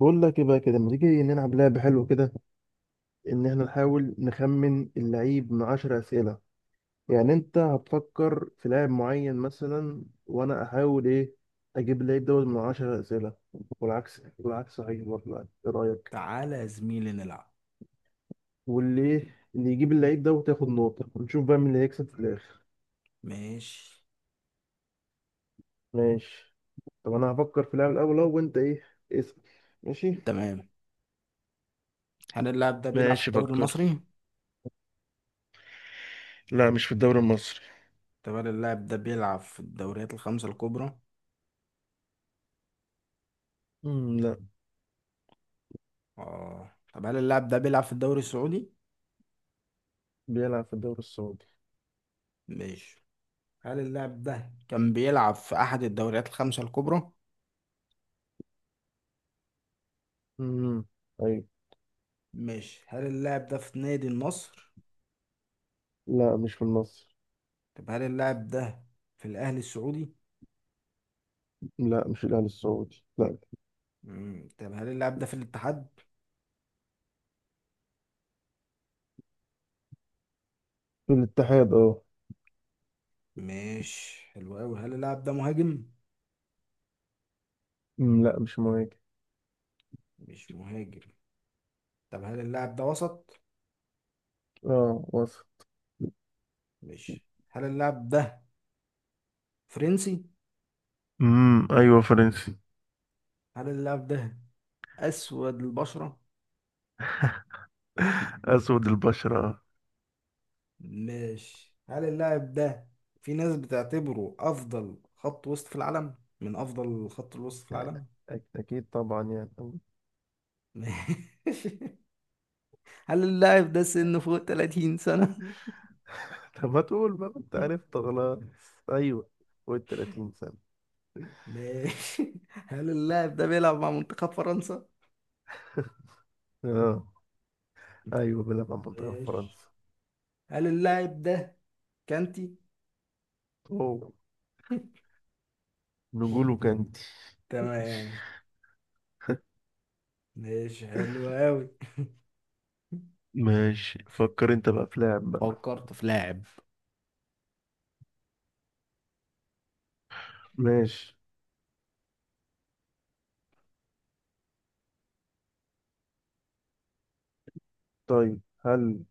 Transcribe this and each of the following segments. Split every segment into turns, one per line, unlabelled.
بقول لك ايه بقى كده، ما تيجي نلعب لعبة حلوة كده، ان احنا نحاول نخمن اللعيب من عشر اسئلة. يعني انت هتفكر في لاعب معين مثلا، وانا احاول ايه، اجيب اللعيب دوت من عشر اسئلة. والعكس صحيح برضه يعني. ايه رأيك؟
تعالى يا زميلي نلعب.
واللي ايه، اللي يجيب اللعيب دوت ياخد نقطة، ونشوف بقى مين اللي هيكسب في الاخر.
ماشي.
ماشي. طب انا هفكر في لاعب الاول اهو، وانت ايه، اسأل. ماشي.
تمام. هل اللاعب ده بيلعب في
ماشي
الدوري
فكر.
المصري؟
لا، مش في الدوري المصري.
طب هل اللاعب ده بيلعب في الدوريات الخمسة الكبرى؟
لا.
اه طب هل اللاعب ده بيلعب في الدوري السعودي؟
بيلعب في الدوري السعودي.
ماشي. هل اللاعب ده كان بيلعب في أحد الدوريات الخمسة الكبرى؟
امم
ماشي. هل اللاعب ده في نادي النصر؟
لا، مش في النصر.
طب هل اللاعب ده في الأهلي السعودي؟
لا، مش الأهلي السعودي، لا.
مم. طب هل اللاعب ده في الاتحاد؟
في الاتحاد، اه.
ماشي، حلو أوي. هل اللاعب ده مهاجم؟
أمم، لا مش مهاجم.
مش مهاجم. طب هل اللاعب ده وسط؟
اه وصل.
ماشي. هل اللاعب ده فرنسي؟
ايوه فرنسي.
هل اللاعب ده أسود البشرة؟
اسود البشرة.
ماشي. هل اللاعب ده في ناس بتعتبره أفضل خط وسط في العالم، من أفضل خط الوسط في العالم؟
أكيد طبعا يعني. طب.
ماشي. هل اللاعب ده سنه فوق 30 سنة؟
ما تقول بقى، أنت عرفت خلاص. أيوه، فوق ال 30 سنة.
ماشي. هل اللاعب ده بيلعب مع منتخب فرنسا؟
اه. أيوه بيلعب على منتخب
ماشي.
فرنسا.
هل اللاعب ده كانتي؟
أوه. نقوله كانتي.
تمام. ماشي، حلو أوي.
ماشي، فكر انت بقى في لاعب بقى.
فكرت في لاعب.
ماشي. طيب، هل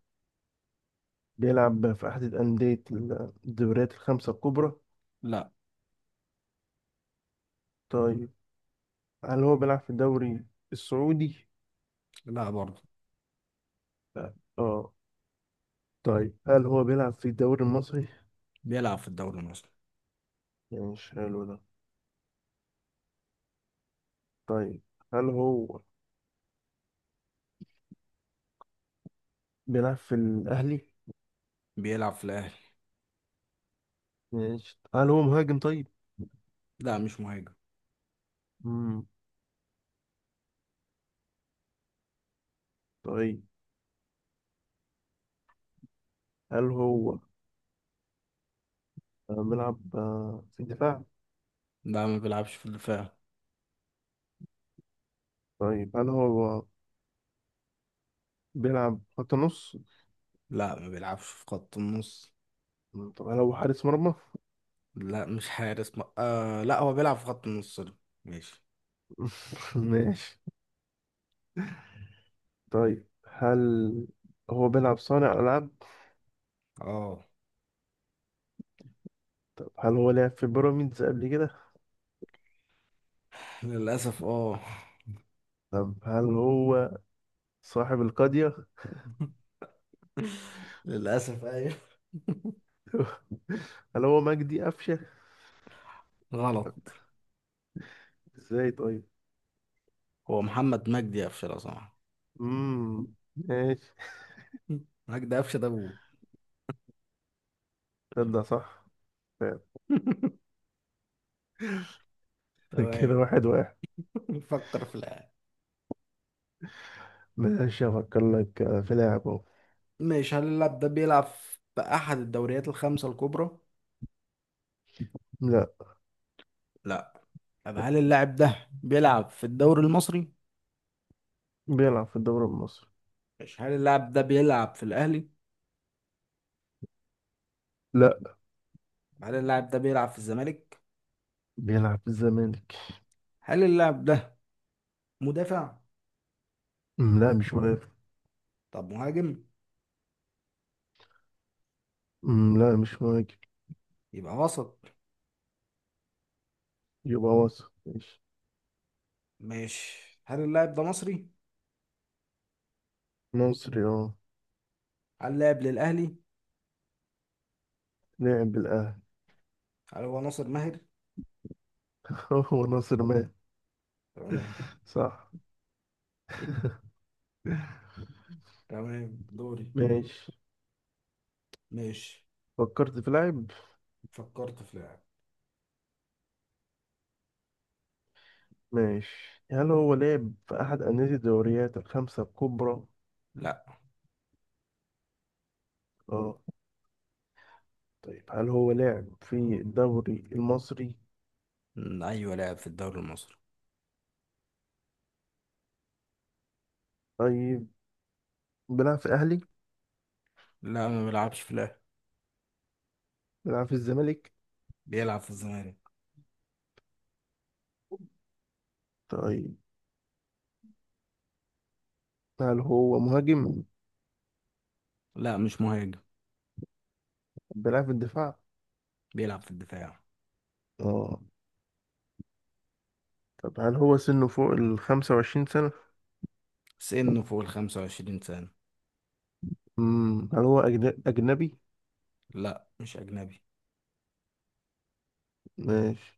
بيلعب في أحد أندية الدوريات الخمسة الكبرى؟
لا.
طيب، هل هو بيلعب في الدوري السعودي؟
لا برضه.
لا. اه. طيب هل هو بيلعب في الدوري المصري؟
بيلعب في الدوري المصري.
يعني مش حلو ده. طيب، هل هو بيلعب في الأهلي؟
بيلعب في الأهلي.
ماشي، هل هو مهاجم طيب؟
لا، مش مهاجم.
مم. طيب، هل هو بيلعب في الدفاع؟
لا، ما بيلعبش في الدفاع.
طيب هل هو بيلعب خط نص؟
لا، ما بيلعبش في خط النص.
مم. طب هل هو حارس مرمى؟
لا مش حارس م... آه لا، هو بيلعب في خط النص ده. ماشي.
ماشي. طيب، هل هو بيلعب صانع ألعاب؟
اه
طب هل هو لعب في بيراميدز قبل كده؟
للأسف اه.
طب هل هو صاحب القضية؟
للأسف ايوه.
هل هو مجدي قفشة؟
غلط.
ازاي طيب؟
هو محمد مجدي قفشة لو سمحت.
ماشي.
مجدي قفشة ده ابوه.
تصدق صح، فعلا. كده
تمام.
واحد واحد.
نفكر في اللاعب.
ماشي، افكر لك في لاعب اهو.
ماشي. هل اللاعب ده بيلعب في أحد الدوريات الخمسة الكبرى؟
لا.
لا. طب هل اللاعب ده بيلعب في الدوري المصري؟
بيلعب في الدوري المصري.
ماشي. هل اللاعب ده بيلعب في الاهلي؟
لا.
هل اللاعب ده بيلعب في الزمالك؟
بيلعب في الزمالك.
هل اللاعب ده مدافع؟
أمم، لا مش مهاجم.
طب مهاجم؟
أمم، لا مش مهاجم.
يبقى وسط.
يبقى وسط. ماشي.
ماشي. هل اللاعب ده مصري؟
مصري، اه.
هل لاعب للاهلي؟
لعب بالاهلي.
هل هو ناصر ماهر؟
هو ناصر مات.
تمام.
صح.
تمام، دوري.
ماشي.
ماشي.
فكرت في لاعب.
فكرت في لاعب.
ماشي، هل هو لعب في أحد أندية الدوريات الخمسة الكبرى؟
لا.
اه. طيب، هل هو لعب في الدوري المصري؟
ايوه لاعب في الدوري المصري.
طيب، بيلعب في الأهلي؟
لا، ما بيلعبش في الاهلي.
بيلعب في الزمالك؟
بيلعب في الزمالك.
طيب، هل هو مهاجم؟
لا مش مهاجم.
بيلعب في الدفاع؟
بيلعب في الدفاع.
اه. طب هل هو سنه فوق ال 25 سنة؟
سنه فوق ال 25 سنة.
مم. هل هو أجنبي؟
لا مش أجنبي.
ماشي.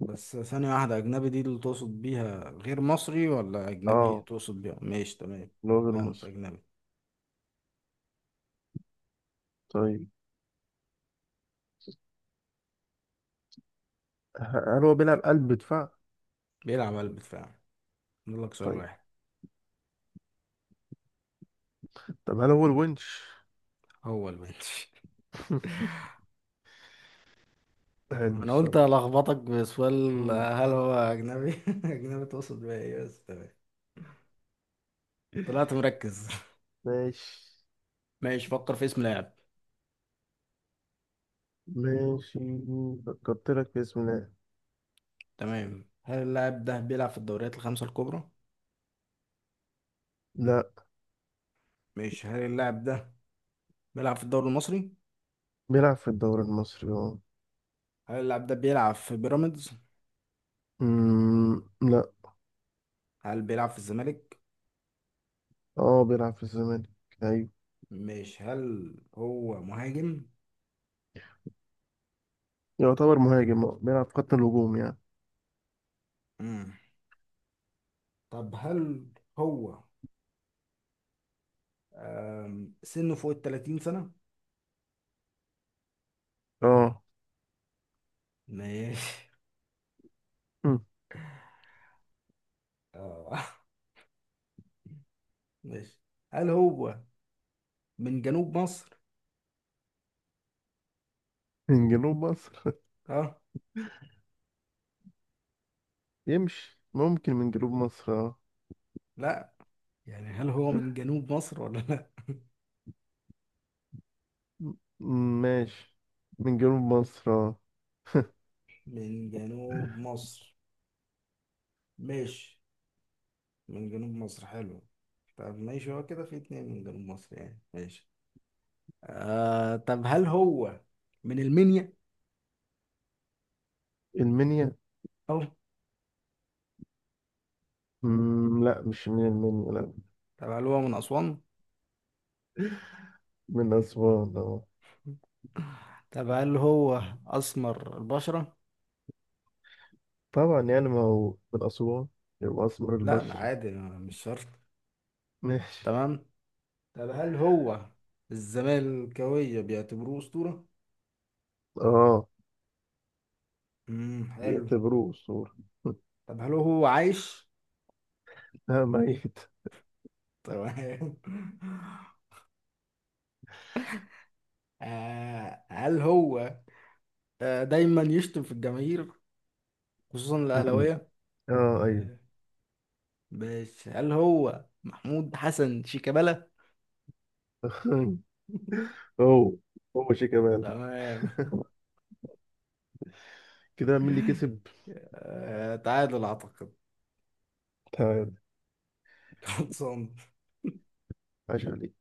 بس ثانية واحدة، أجنبي دي اللي تقصد بيها غير مصري، ولا أجنبي
اه،
تقصد بيها ماشي؟ تمام.
اللي هو غير
لا مش
مصري.
أجنبي.
طيب، هل هو بيلعب قلب دفاع؟
بيلعب قلب دفاع. نقول لك سؤال
طيب.
واحد.
طب هل هو الونش؟
هو البنش. تمام،
حلو
أنا قلت
السؤال ده.
ألخبطك بسؤال.
مم.
هل هو أجنبي؟ أجنبي تقصد بيها إيه بس؟ تمام، طلعت مركز.
ماشي.
ماشي، فكر في اسم لاعب.
ماشي فكرت لك في اسم. لا.
تمام. هل اللاعب ده بيلعب في الدوريات الخمسة الكبرى؟
لا،
ماشي. هل اللاعب ده بيلعب في الدوري المصري؟
بيلعب في الدوري المصري اه.
هل اللاعب ده بيلعب في بيراميدز؟
أمم، لا.
هل بيلعب في الزمالك؟
اه بيلعب في الزمالك، ايوه.
ماشي. هل هو مهاجم؟
يعتبر مهاجم آه. بيلعب في خط الهجوم يعني.
امم طب هل هو سنه فوق ال 30 سنة؟
اه.
ماشي.
أمم،
اه. ماشي. هل هو من جنوب مصر؟
من جنوب مصر.
اه.
يمشي، ممكن من جنوب مصر اه.
لا، يعني هل هو من جنوب مصر ولا لا؟
أمم، ماشي، من جنوب مصر اه.
من جنوب مصر. ماشي. من جنوب مصر، حلو. طب ماشي، هو كده في اتنين من جنوب مصر يعني. ماشي. آه طب هل هو من المنيا؟
المنيا.
اه.
أمم، لا مش من المنيا، لا.
طب هل هو من أسوان؟
من أسوان اه.
طب هل هو أسمر البشرة؟
طبعا يعني، ما هو من أسوان يبقى أسمر
لا، ما
البشرة.
عادي، مش شرط.
ماشي.
تمام. طب هل هو الزمالكاوية بيعتبروه أسطورة؟
اه.
امم، حلو.
بيعتبروه أسطورة.
طب هل هو عايش؟
لا، ميت.
تمام. آه هل هو آه دايما يشتم في الجماهير، خصوصا
أمم.
الأهلاوية؟
اه، ايوه.
أيوة. ماشي. هل هو محمود حسن شيكابالا؟
هو شيء كمان.
تمام.
كده مين اللي كسب؟
آه تعادل أعتقد.
تعال.
خلصان.
عاش عليك.